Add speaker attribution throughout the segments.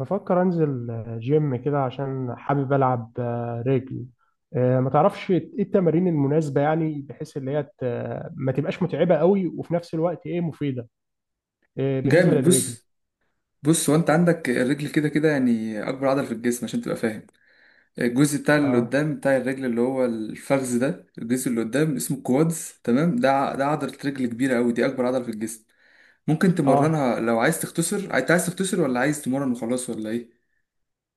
Speaker 1: بفكر انزل جيم كده عشان حابب العب رجل. ما تعرفش ايه التمارين المناسبه، يعني بحيث اللي هي ما تبقاش متعبه قوي وفي نفس الوقت ايه مفيده. بالنسبه
Speaker 2: جامد.
Speaker 1: للرجل.
Speaker 2: بص، هو انت عندك الرجل كده كده، يعني اكبر عضله في الجسم عشان تبقى فاهم. الجزء بتاع اللي
Speaker 1: اه.
Speaker 2: قدام بتاع الرجل اللي هو الفخذ، ده الجزء اللي قدام اسمه كوادز، تمام؟ ده عضله رجل كبيره قوي، دي اكبر عضله في الجسم. ممكن
Speaker 1: اه
Speaker 2: تمرنها لو عايز تختصر. انت عايز تختصر ولا عايز تمرن وخلاص ولا ايه؟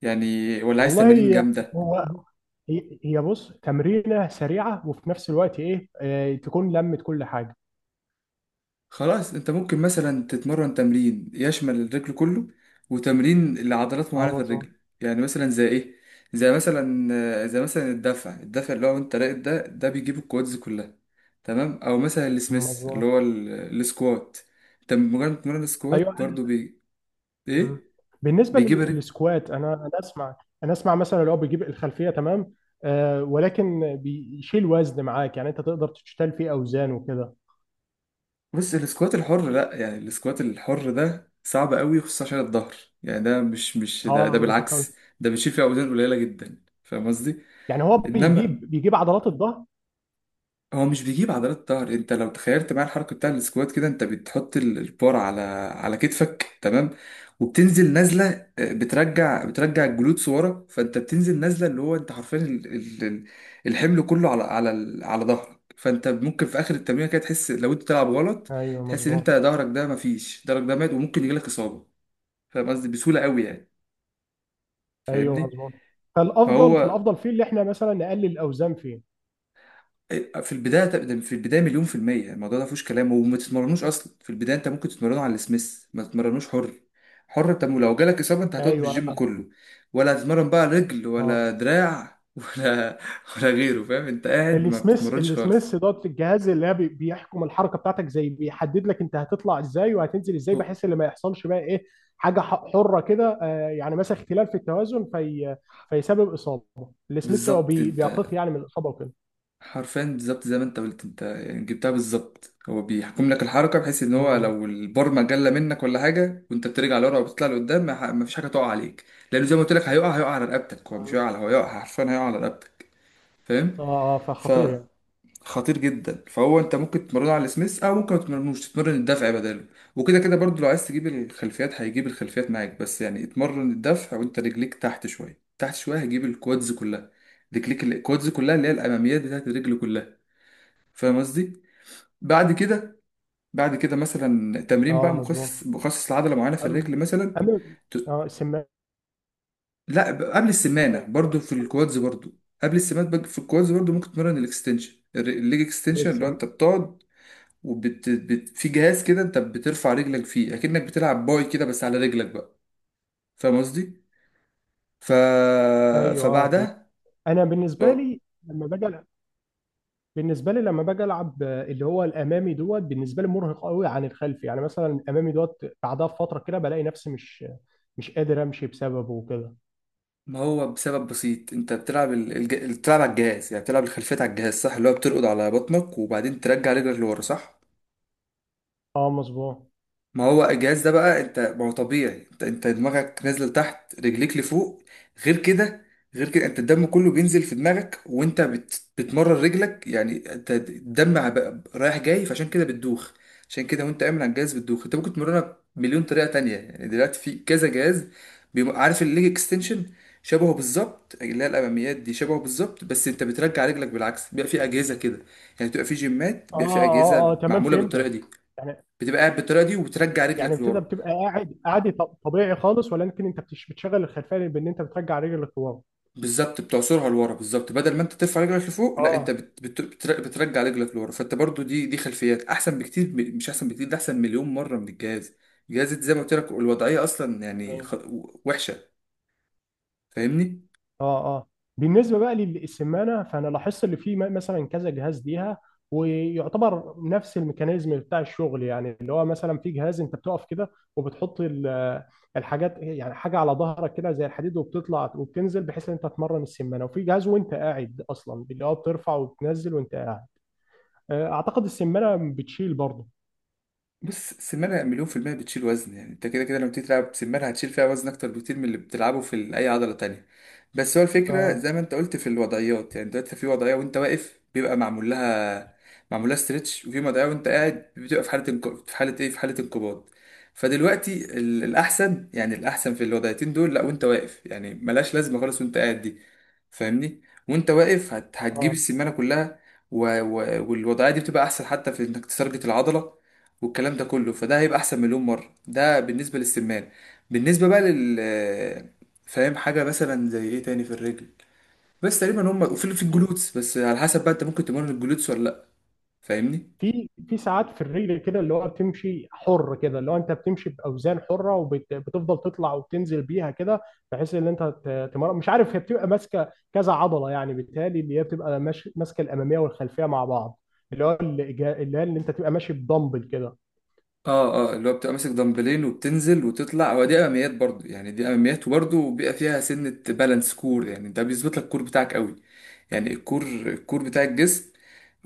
Speaker 2: يعني، ولا عايز تمارين
Speaker 1: والله.
Speaker 2: جامده؟
Speaker 1: هو. هي بص تمرينه سريعه وفي نفس الوقت ايه تكون لمت كل حاجه.
Speaker 2: خلاص، انت ممكن مثلا تتمرن تمرين يشمل الرجل كله، وتمرين لعضلات معينة
Speaker 1: اه
Speaker 2: في
Speaker 1: مظبوط.
Speaker 2: الرجل، يعني مثلا زي ايه؟ زي مثلا الدفع، الدفع اللي هو انت راقد، ده بيجيب الكوادز كلها. تمام؟ او مثلا السميث،
Speaker 1: مظبوط.
Speaker 2: السكوات. انت مجرد تمرين
Speaker 1: ايوه.
Speaker 2: السكوات برضو بي
Speaker 1: مم.
Speaker 2: ايه؟
Speaker 1: بالنسبه
Speaker 2: بيجيب الرجل.
Speaker 1: للسكوات انا اسمع. انا اسمع مثلا لو بيجيب الخلفيه، تمام. آه، ولكن بيشيل وزن معاك، يعني انت تقدر تشتال فيه اوزان وكده.
Speaker 2: بص، السكوات الحر لا، يعني السكوات الحر ده صعب قوي خصوصا عشان الظهر. يعني ده مش مش ده, ده
Speaker 1: اه، أنا كنت
Speaker 2: بالعكس، ده بتشيل فيه اوزان قليلة جدا، فاهم قصدي؟
Speaker 1: يعني هو
Speaker 2: انما
Speaker 1: بيجيب عضلات الظهر.
Speaker 2: هو مش بيجيب عضلات الظهر. انت لو تخيلت معايا الحركه بتاع السكوات كده، انت بتحط البار على على كتفك، تمام؟ وبتنزل نازله، بترجع، بترجع الجلوتس ورا، فانت بتنزل نازله، اللي هو انت حرفيا الحمل كله على على ظهرك. فانت ممكن في اخر التمرين كده تحس لو انت بتلعب غلط،
Speaker 1: ايوه
Speaker 2: تحس ان انت
Speaker 1: مظبوط.
Speaker 2: ظهرك ده، مفيش، ظهرك ده مات، وممكن يجيلك اصابه. فاهم قصدي؟ بسهوله قوي يعني.
Speaker 1: ايوه
Speaker 2: فاهمني؟
Speaker 1: مظبوط. فالافضل
Speaker 2: فهو
Speaker 1: فالافضل فيه اللي احنا مثلا نقلل الاوزان فيه.
Speaker 2: إيه، في البدايه ده- في البدايه مليون في الميه الموضوع ده فيهوش كلام، وما تتمرنوش اصلا. في البدايه انت ممكن تتمرنوا على السميث، ما تتمرنوش حر. حر، انت لو جالك اصابه انت هتقعد من
Speaker 1: ايوه
Speaker 2: الجيم
Speaker 1: اه.
Speaker 2: كله. ولا هتتمرن بقى رجل ولا
Speaker 1: آه.
Speaker 2: دراع ولا غيره. فاهم؟ انت قاعد ما
Speaker 1: السميث
Speaker 2: بتتمرنش
Speaker 1: السميث
Speaker 2: خالص.
Speaker 1: دوت الجهاز اللي هي بيحكم الحركه بتاعتك، زي بيحدد لك انت هتطلع ازاي وهتنزل ازاي،
Speaker 2: هو-
Speaker 1: بحيث ان ما يحصلش بقى ايه حاجه حره كده. يعني مثلا اختلال في التوازن في فيسبب اصابه. السميث هو
Speaker 2: بالظبط.
Speaker 1: بي-
Speaker 2: انت
Speaker 1: بيقيق يعني من الاصابه وكده.
Speaker 2: حرفيا بالظبط زي ما انت قلت، انت يعني جبتها بالظبط. هو بيحكم لك الحركه، بحيث ان هو
Speaker 1: مظبوط.
Speaker 2: لو البرمه جله منك ولا حاجه وانت بترجع لورا وبتطلع لقدام، ما فيش حاجه تقع عليك. لانه زي ما قلت لك، هيقع، هيقع على رقبتك. هو مش هو هيقع، حرفيا هيقع على رقبتك. فاهم؟
Speaker 1: اه، فخطير
Speaker 2: فخطير
Speaker 1: يعني.
Speaker 2: جدا. فهو انت ممكن تمرنه على السميث، او ممكن ما تمرنوش، تتمرن الدفع بداله وكده كده. برضو لو عايز تجيب الخلفيات، هيجيب الخلفيات معاك. بس يعني اتمرن الدفع وانت رجليك تحت شويه، تحت شويه هيجيب الكوادز كلها. رجليك الكوادز كلها، اللي هي الاماميات بتاعت الرجل كلها. فاهم قصدي؟ بعد كده، بعد كده مثلا تمرين
Speaker 1: اه
Speaker 2: بقى
Speaker 1: مظبوط.
Speaker 2: مخصص، مخصص لعضله معينه في
Speaker 1: اما
Speaker 2: الرجل مثلا.
Speaker 1: اما
Speaker 2: ت-
Speaker 1: اه السمانه
Speaker 2: لا، قبل السمانه
Speaker 1: بقى،
Speaker 2: برضو في الكوادز برضو. قبل السمانه في الكوادز برضو ممكن تمرن الاكستنشن، الليج
Speaker 1: زي
Speaker 2: اكستنشن، اللي هو
Speaker 1: السم.
Speaker 2: انت بتقعد في جهاز كده انت بترفع رجلك فيه، اكنك بتلعب باي كده بس على رجلك بقى. فاهم قصدي؟ ف،
Speaker 1: ايوه اه فهمت.
Speaker 2: فبعدها،
Speaker 1: انا بالنسبه
Speaker 2: اه،
Speaker 1: لي لما باجي، بالنسبه لي لما باجي العب اللي هو الامامي، دوت بالنسبه لي مرهق قوي عن الخلفي. يعني مثلا الامامي دوت بعدها بفتره كده بلاقي نفسي مش قادر امشي بسببه وكده.
Speaker 2: ما هو بسبب بسيط. انت بتلعب بتلعب على الجهاز، يعني بتلعب الخلفيات على الجهاز، صح؟ اللي هو بترقد على بطنك وبعدين ترجع رجلك لورا، صح؟
Speaker 1: اه مظبوط.
Speaker 2: ما هو الجهاز ده بقى، انت ما هو طبيعي، انت دماغك نازله لتحت، رجليك لفوق. غير كده، غير كده انت الدم كله بينزل في دماغك، وانت بتمرر رجلك، يعني انت الدم رايح جاي، فعشان كده بتدوخ. عشان كده وانت قايم على الجهاز بتدوخ. انت ممكن تمرنها بمليون طريقه تانية، يعني دلوقتي في كذا جهاز. عارف الليج اكستنشن؟ شبهه بالظبط، اللي هي الاماميات دي شبهه بالظبط، بس انت بترجع رجلك بالعكس. بيبقى في اجهزه كده، يعني بتبقى في جيمات
Speaker 1: اه
Speaker 2: بيبقى في
Speaker 1: اه
Speaker 2: اجهزه
Speaker 1: اه تمام
Speaker 2: معموله بالطريقه
Speaker 1: فهمتك.
Speaker 2: دي.
Speaker 1: يعني
Speaker 2: بتبقى قاعد بالطريقه دي وبترجع
Speaker 1: يعني
Speaker 2: رجلك
Speaker 1: ابتدى
Speaker 2: لورا.
Speaker 1: بتبقى قاعد طبيعي خالص، ولكن انت بتشغل الخلفيه بان انت بترجع رجل لقوام.
Speaker 2: بالظبط، بتعصرها لورا. بالظبط، بدل ما انت ترفع رجلك لفوق، لا انت
Speaker 1: اه
Speaker 2: بترجع رجلك لورا. فانت برضو دي خلفيات احسن بكتير، مش احسن بكتير، ده احسن مليون مره من الجهاز. الجهاز زي ما قلت لك، الوضعيه اصلا يعني وحشه. فاهمني؟
Speaker 1: اه اه بالنسبه بقى للسمانه، فانا لاحظت اللي فيه مثلا كذا جهاز ليها، ويعتبر نفس الميكانيزم بتاع الشغل. يعني اللي هو مثلا في جهاز انت بتقف كده وبتحط الحاجات، يعني حاجه على ظهرك كده زي الحديد، وبتطلع وبتنزل بحيث ان انت تمرن السمانه. وفي جهاز وانت قاعد اصلا، اللي هو بترفع وبتنزل وانت قاعد. اعتقد السمانه بتشيل برضه.
Speaker 2: بص، السمانة مليون في المية بتشيل وزن. يعني انت كده كده لما بتيجي تلعب سمانة هتشيل فيها وزن أكتر بكتير من اللي بتلعبه في أي عضلة تانية. بس هو الفكرة
Speaker 1: اه
Speaker 2: زي ما انت قلت في الوضعيات. يعني دلوقتي في وضعية وانت واقف بيبقى معمول لها، معمول لها ستريتش. وفي وضعية وانت قاعد بتبقى في حالة في حالة ايه، في حالة انقباض. فدلوقتي الأحسن، يعني الأحسن في الوضعيتين دول، لا وانت واقف، يعني ملهاش لازمة خالص وانت قاعد دي. فاهمني؟ وانت واقف هتجيب
Speaker 1: اه.
Speaker 2: السمانة كلها، و... و... والوضعية دي بتبقى أحسن حتى في انك تسرجة العضلة والكلام ده كله. فده هيبقى احسن مليون مره. ده بالنسبه للسمان. بالنسبه بقى فاهم حاجه مثلا زي ايه تاني في الرجل؟ بس تقريبا هم. وفي في الجلوتس، بس على حسب بقى، انت ممكن تمرن الجلوتس ولا لا. فاهمني؟
Speaker 1: في في ساعات في الرجل كده اللي هو بتمشي حر كده، اللي هو انت بتمشي باوزان حره وبتفضل تطلع وبتنزل بيها كده، بحيث ان انت تمر، مش عارف، هي بتبقى ماسكه كذا عضله، يعني بالتالي اللي هي بتبقى ماسكه الاماميه والخلفيه مع بعض. اللي هو اللي هي اللي انت تبقى ماشي بدمبل كده.
Speaker 2: اه اه، اللي هو بتبقى ماسك دمبلين وبتنزل وتطلع، هو دي اماميات برضو. يعني دي اماميات، وبرضو بيبقى فيها سنه بالانس كور، يعني ده بيظبط لك الكور بتاعك قوي. يعني الكور، الكور بتاع الجسم.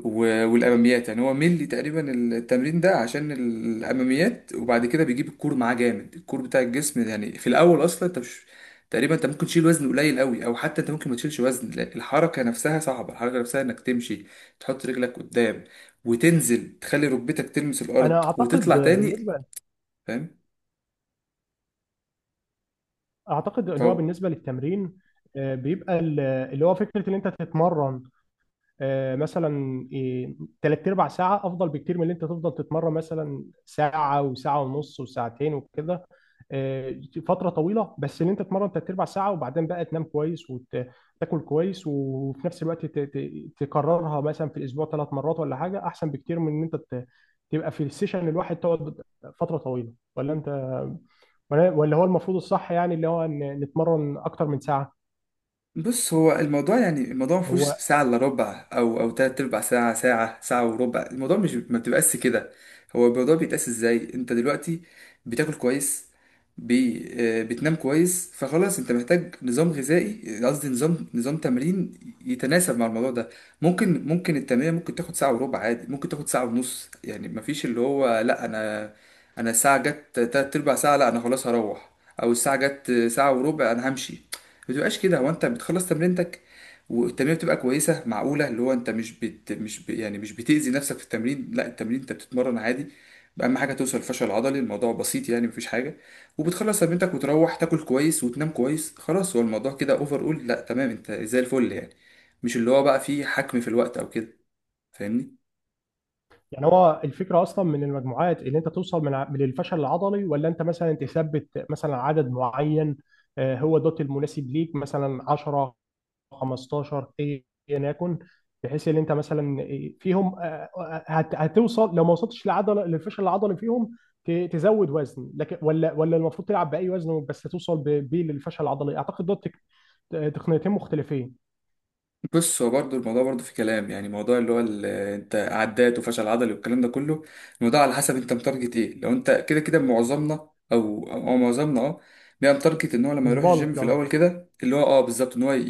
Speaker 2: والاماميات، يعني هو ملي تقريبا التمرين ده عشان الاماميات، وبعد كده بيجيب الكور معاه جامد، الكور بتاع الجسم ده. يعني في الاول اصلا انت مش، تقريبا انت ممكن تشيل وزن قليل قوي، او حتى انت ممكن ما تشيلش وزن، لا، الحركه نفسها صعبه، الحركه نفسها انك تمشي، تحط رجلك قدام، وتنزل تخلي ركبتك تلمس
Speaker 1: انا
Speaker 2: الارض
Speaker 1: اعتقد
Speaker 2: وتطلع تاني.
Speaker 1: بالنسبه، اعتقد اللي هو
Speaker 2: فاهم؟
Speaker 1: بالنسبه للتمرين بيبقى اللي هو فكره ان انت تتمرن مثلا تلات ارباع ساعه افضل بكتير من اللي انت تفضل تتمرن مثلا ساعه وساعه ونص وساعتين وكده آه، فتره طويله. بس ان انت تتمرن تلات ارباع ساعه وبعدين بقى تنام كويس وتاكل كويس، وفي نفس الوقت تكررها مثلا في الاسبوع ثلاث مرات ولا حاجه، احسن بكتير من ان انت تبقى في السيشن الواحد تقعد فتره طويله. ولا انت، ولا ولا هو المفروض الصح يعني اللي هو ان نتمرن اكتر من ساعه؟
Speaker 2: بص، هو الموضوع، يعني الموضوع ما فيهوش
Speaker 1: هو
Speaker 2: ساعة الا ربع او تلات ارباع ساعة، ساعة، ساعة وربع. الموضوع مش، ما بتبقاش كده. هو الموضوع بيتقاس ازاي؟ انت دلوقتي بتاكل كويس، بي، آه، بتنام كويس، فخلاص انت محتاج نظام غذائي، قصدي نظام، نظام تمرين يتناسب مع الموضوع ده. ممكن التمرين ممكن تاخد ساعة وربع عادي، ممكن تاخد ساعة ونص. يعني ما فيش اللي هو لا انا، انا الساعة جت تلات ارباع ساعة لا انا خلاص هروح، او الساعة جت ساعة وربع انا همشي. ما بتبقاش كده. هو انت بتخلص تمرينتك، والتمرين بتبقى كويسه معقوله، اللي هو انت مش بت... مش ب... يعني مش بتاذي نفسك في التمرين، لا التمرين انت بتتمرن عادي. اهم حاجه توصل للفشل العضلي. الموضوع بسيط يعني، مفيش حاجه، وبتخلص تمرينتك وتروح تاكل كويس وتنام كويس خلاص. هو الموضوع كده اوفر اول، لا تمام، انت زي الفل يعني. مش اللي هو بقى فيه حكم في الوقت او كده. فاهمني؟
Speaker 1: يعني هو الفكره اصلا من المجموعات اللي انت توصل من الفشل العضلي، ولا انت مثلا تثبت مثلا عدد معين هو دوت المناسب ليك مثلا 10 15 ايا يكن، بحيث ان انت مثلا فيهم هتوصل. لو ما وصلتش لعضله للفشل العضلي فيهم تزود وزن، لكن ولا ولا المفروض تلعب باي وزن بس توصل بيه للفشل العضلي؟ اعتقد دوت تقنيتين مختلفين.
Speaker 2: بص، هو برضه الموضوع برضه في كلام. يعني موضوع اللي هو انت عدات وفشل عضلي والكلام ده كله، الموضوع على حسب انت متارجت ايه. لو انت كده كده معظمنا، او معظمنا، اه، بيبقى متارجت ان هو لما يروح الجيم
Speaker 1: البلك
Speaker 2: في
Speaker 1: اه.
Speaker 2: الاول كده، اللي هو اه بالظبط، ان هو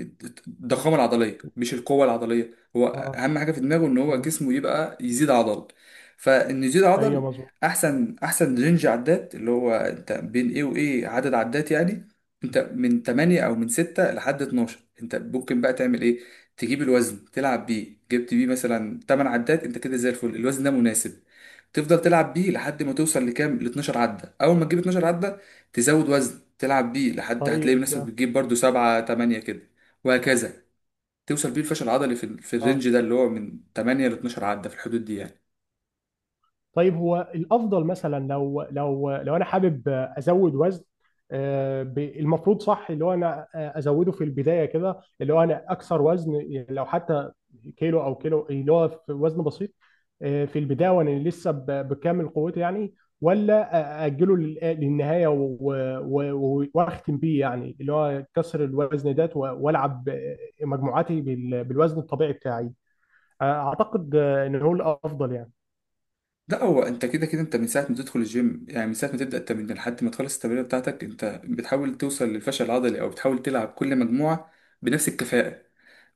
Speaker 2: ي- الضخامه العضليه مش القوه العضليه. هو
Speaker 1: اه
Speaker 2: اهم حاجه في دماغه ان هو
Speaker 1: ايوه.
Speaker 2: جسمه يبقى يزيد عضل. فان يزيد
Speaker 1: أيوة،
Speaker 2: عضل،
Speaker 1: مظبوط.
Speaker 2: احسن، احسن رينج عدات اللي هو انت بين ايه وايه عدد عدات يعني، انت من 8 او من 6 لحد 12. انت ممكن بقى تعمل ايه، تجيب الوزن تلعب بيه، جبت بيه مثلا 8 عدات، انت كده زي الفل، الوزن ده مناسب. تفضل تلعب بيه لحد ما توصل لكام، ل 12 عده. اول ما تجيب 12 عده تزود وزن، تلعب بيه لحد هتلاقي
Speaker 1: طيب
Speaker 2: نفسك بتجيب برضو 7، 8 كده. وهكذا، توصل بيه الفشل العضلي في في
Speaker 1: اه.
Speaker 2: الرينج ده اللي هو من 8 ل 12 عده، في الحدود دي يعني.
Speaker 1: طيب هو الافضل مثلا لو لو لو انا حابب ازود وزن، المفروض صح اللي هو انا ازوده في البدايه كده اللي هو انا اكثر وزن، يعني لو حتى كيلو او كيلو اللي هو في وزن بسيط في البدايه وانا لسه بكامل قوتي يعني، ولا اجله للنهايه و- واختم بيه، يعني اللي هو كسر الوزن ده والعب مجموعاتي بالوزن الطبيعي بتاعي؟ اعتقد ان هو الافضل يعني.
Speaker 2: لا هو انت كده كده، انت من ساعه ما تدخل الجيم، يعني من ساعه ما تبدا التمرين لحد ما تخلص التمرين بتاعتك، انت بتحاول توصل للفشل العضلي، او بتحاول تلعب كل مجموعه بنفس الكفاءه.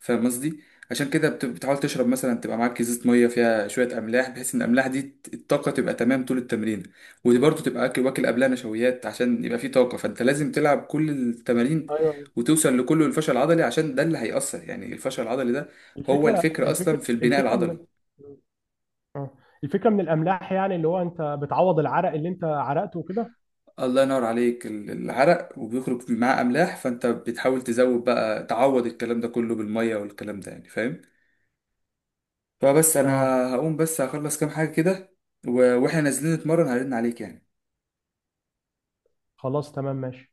Speaker 2: فاهم قصدي؟ عشان كده بتحاول تشرب مثلا، تبقى معاك ازازه ميه فيها شويه املاح، بحيث ان الاملاح دي الطاقه تبقى تمام طول التمرين. وبرضه تبقى اكل، واكل قبلها نشويات عشان يبقى فيه طاقه. فانت لازم تلعب كل التمارين
Speaker 1: ايوه.
Speaker 2: وتوصل لكله الفشل العضلي، عشان ده اللي هيأثر، يعني الفشل العضلي ده هو
Speaker 1: الفكره
Speaker 2: الفكرة
Speaker 1: الفكره
Speaker 2: أصلا في البناء
Speaker 1: الفكره من
Speaker 2: العضلي.
Speaker 1: اه الفكره من الاملاح، يعني اللي هو انت بتعوض العرق اللي انت عرقته وكده.
Speaker 2: الله ينور عليك. العرق وبيخرج معاه املاح، فانت بتحاول تزود بقى، تعوض الكلام ده كله بالميه والكلام ده، يعني فاهم. فبس انا
Speaker 1: اه
Speaker 2: هقوم، بس هخلص كام حاجه كده. واحنا نازلين نتمرن هرن عليك يعني.
Speaker 1: خلاص تمام ماشي.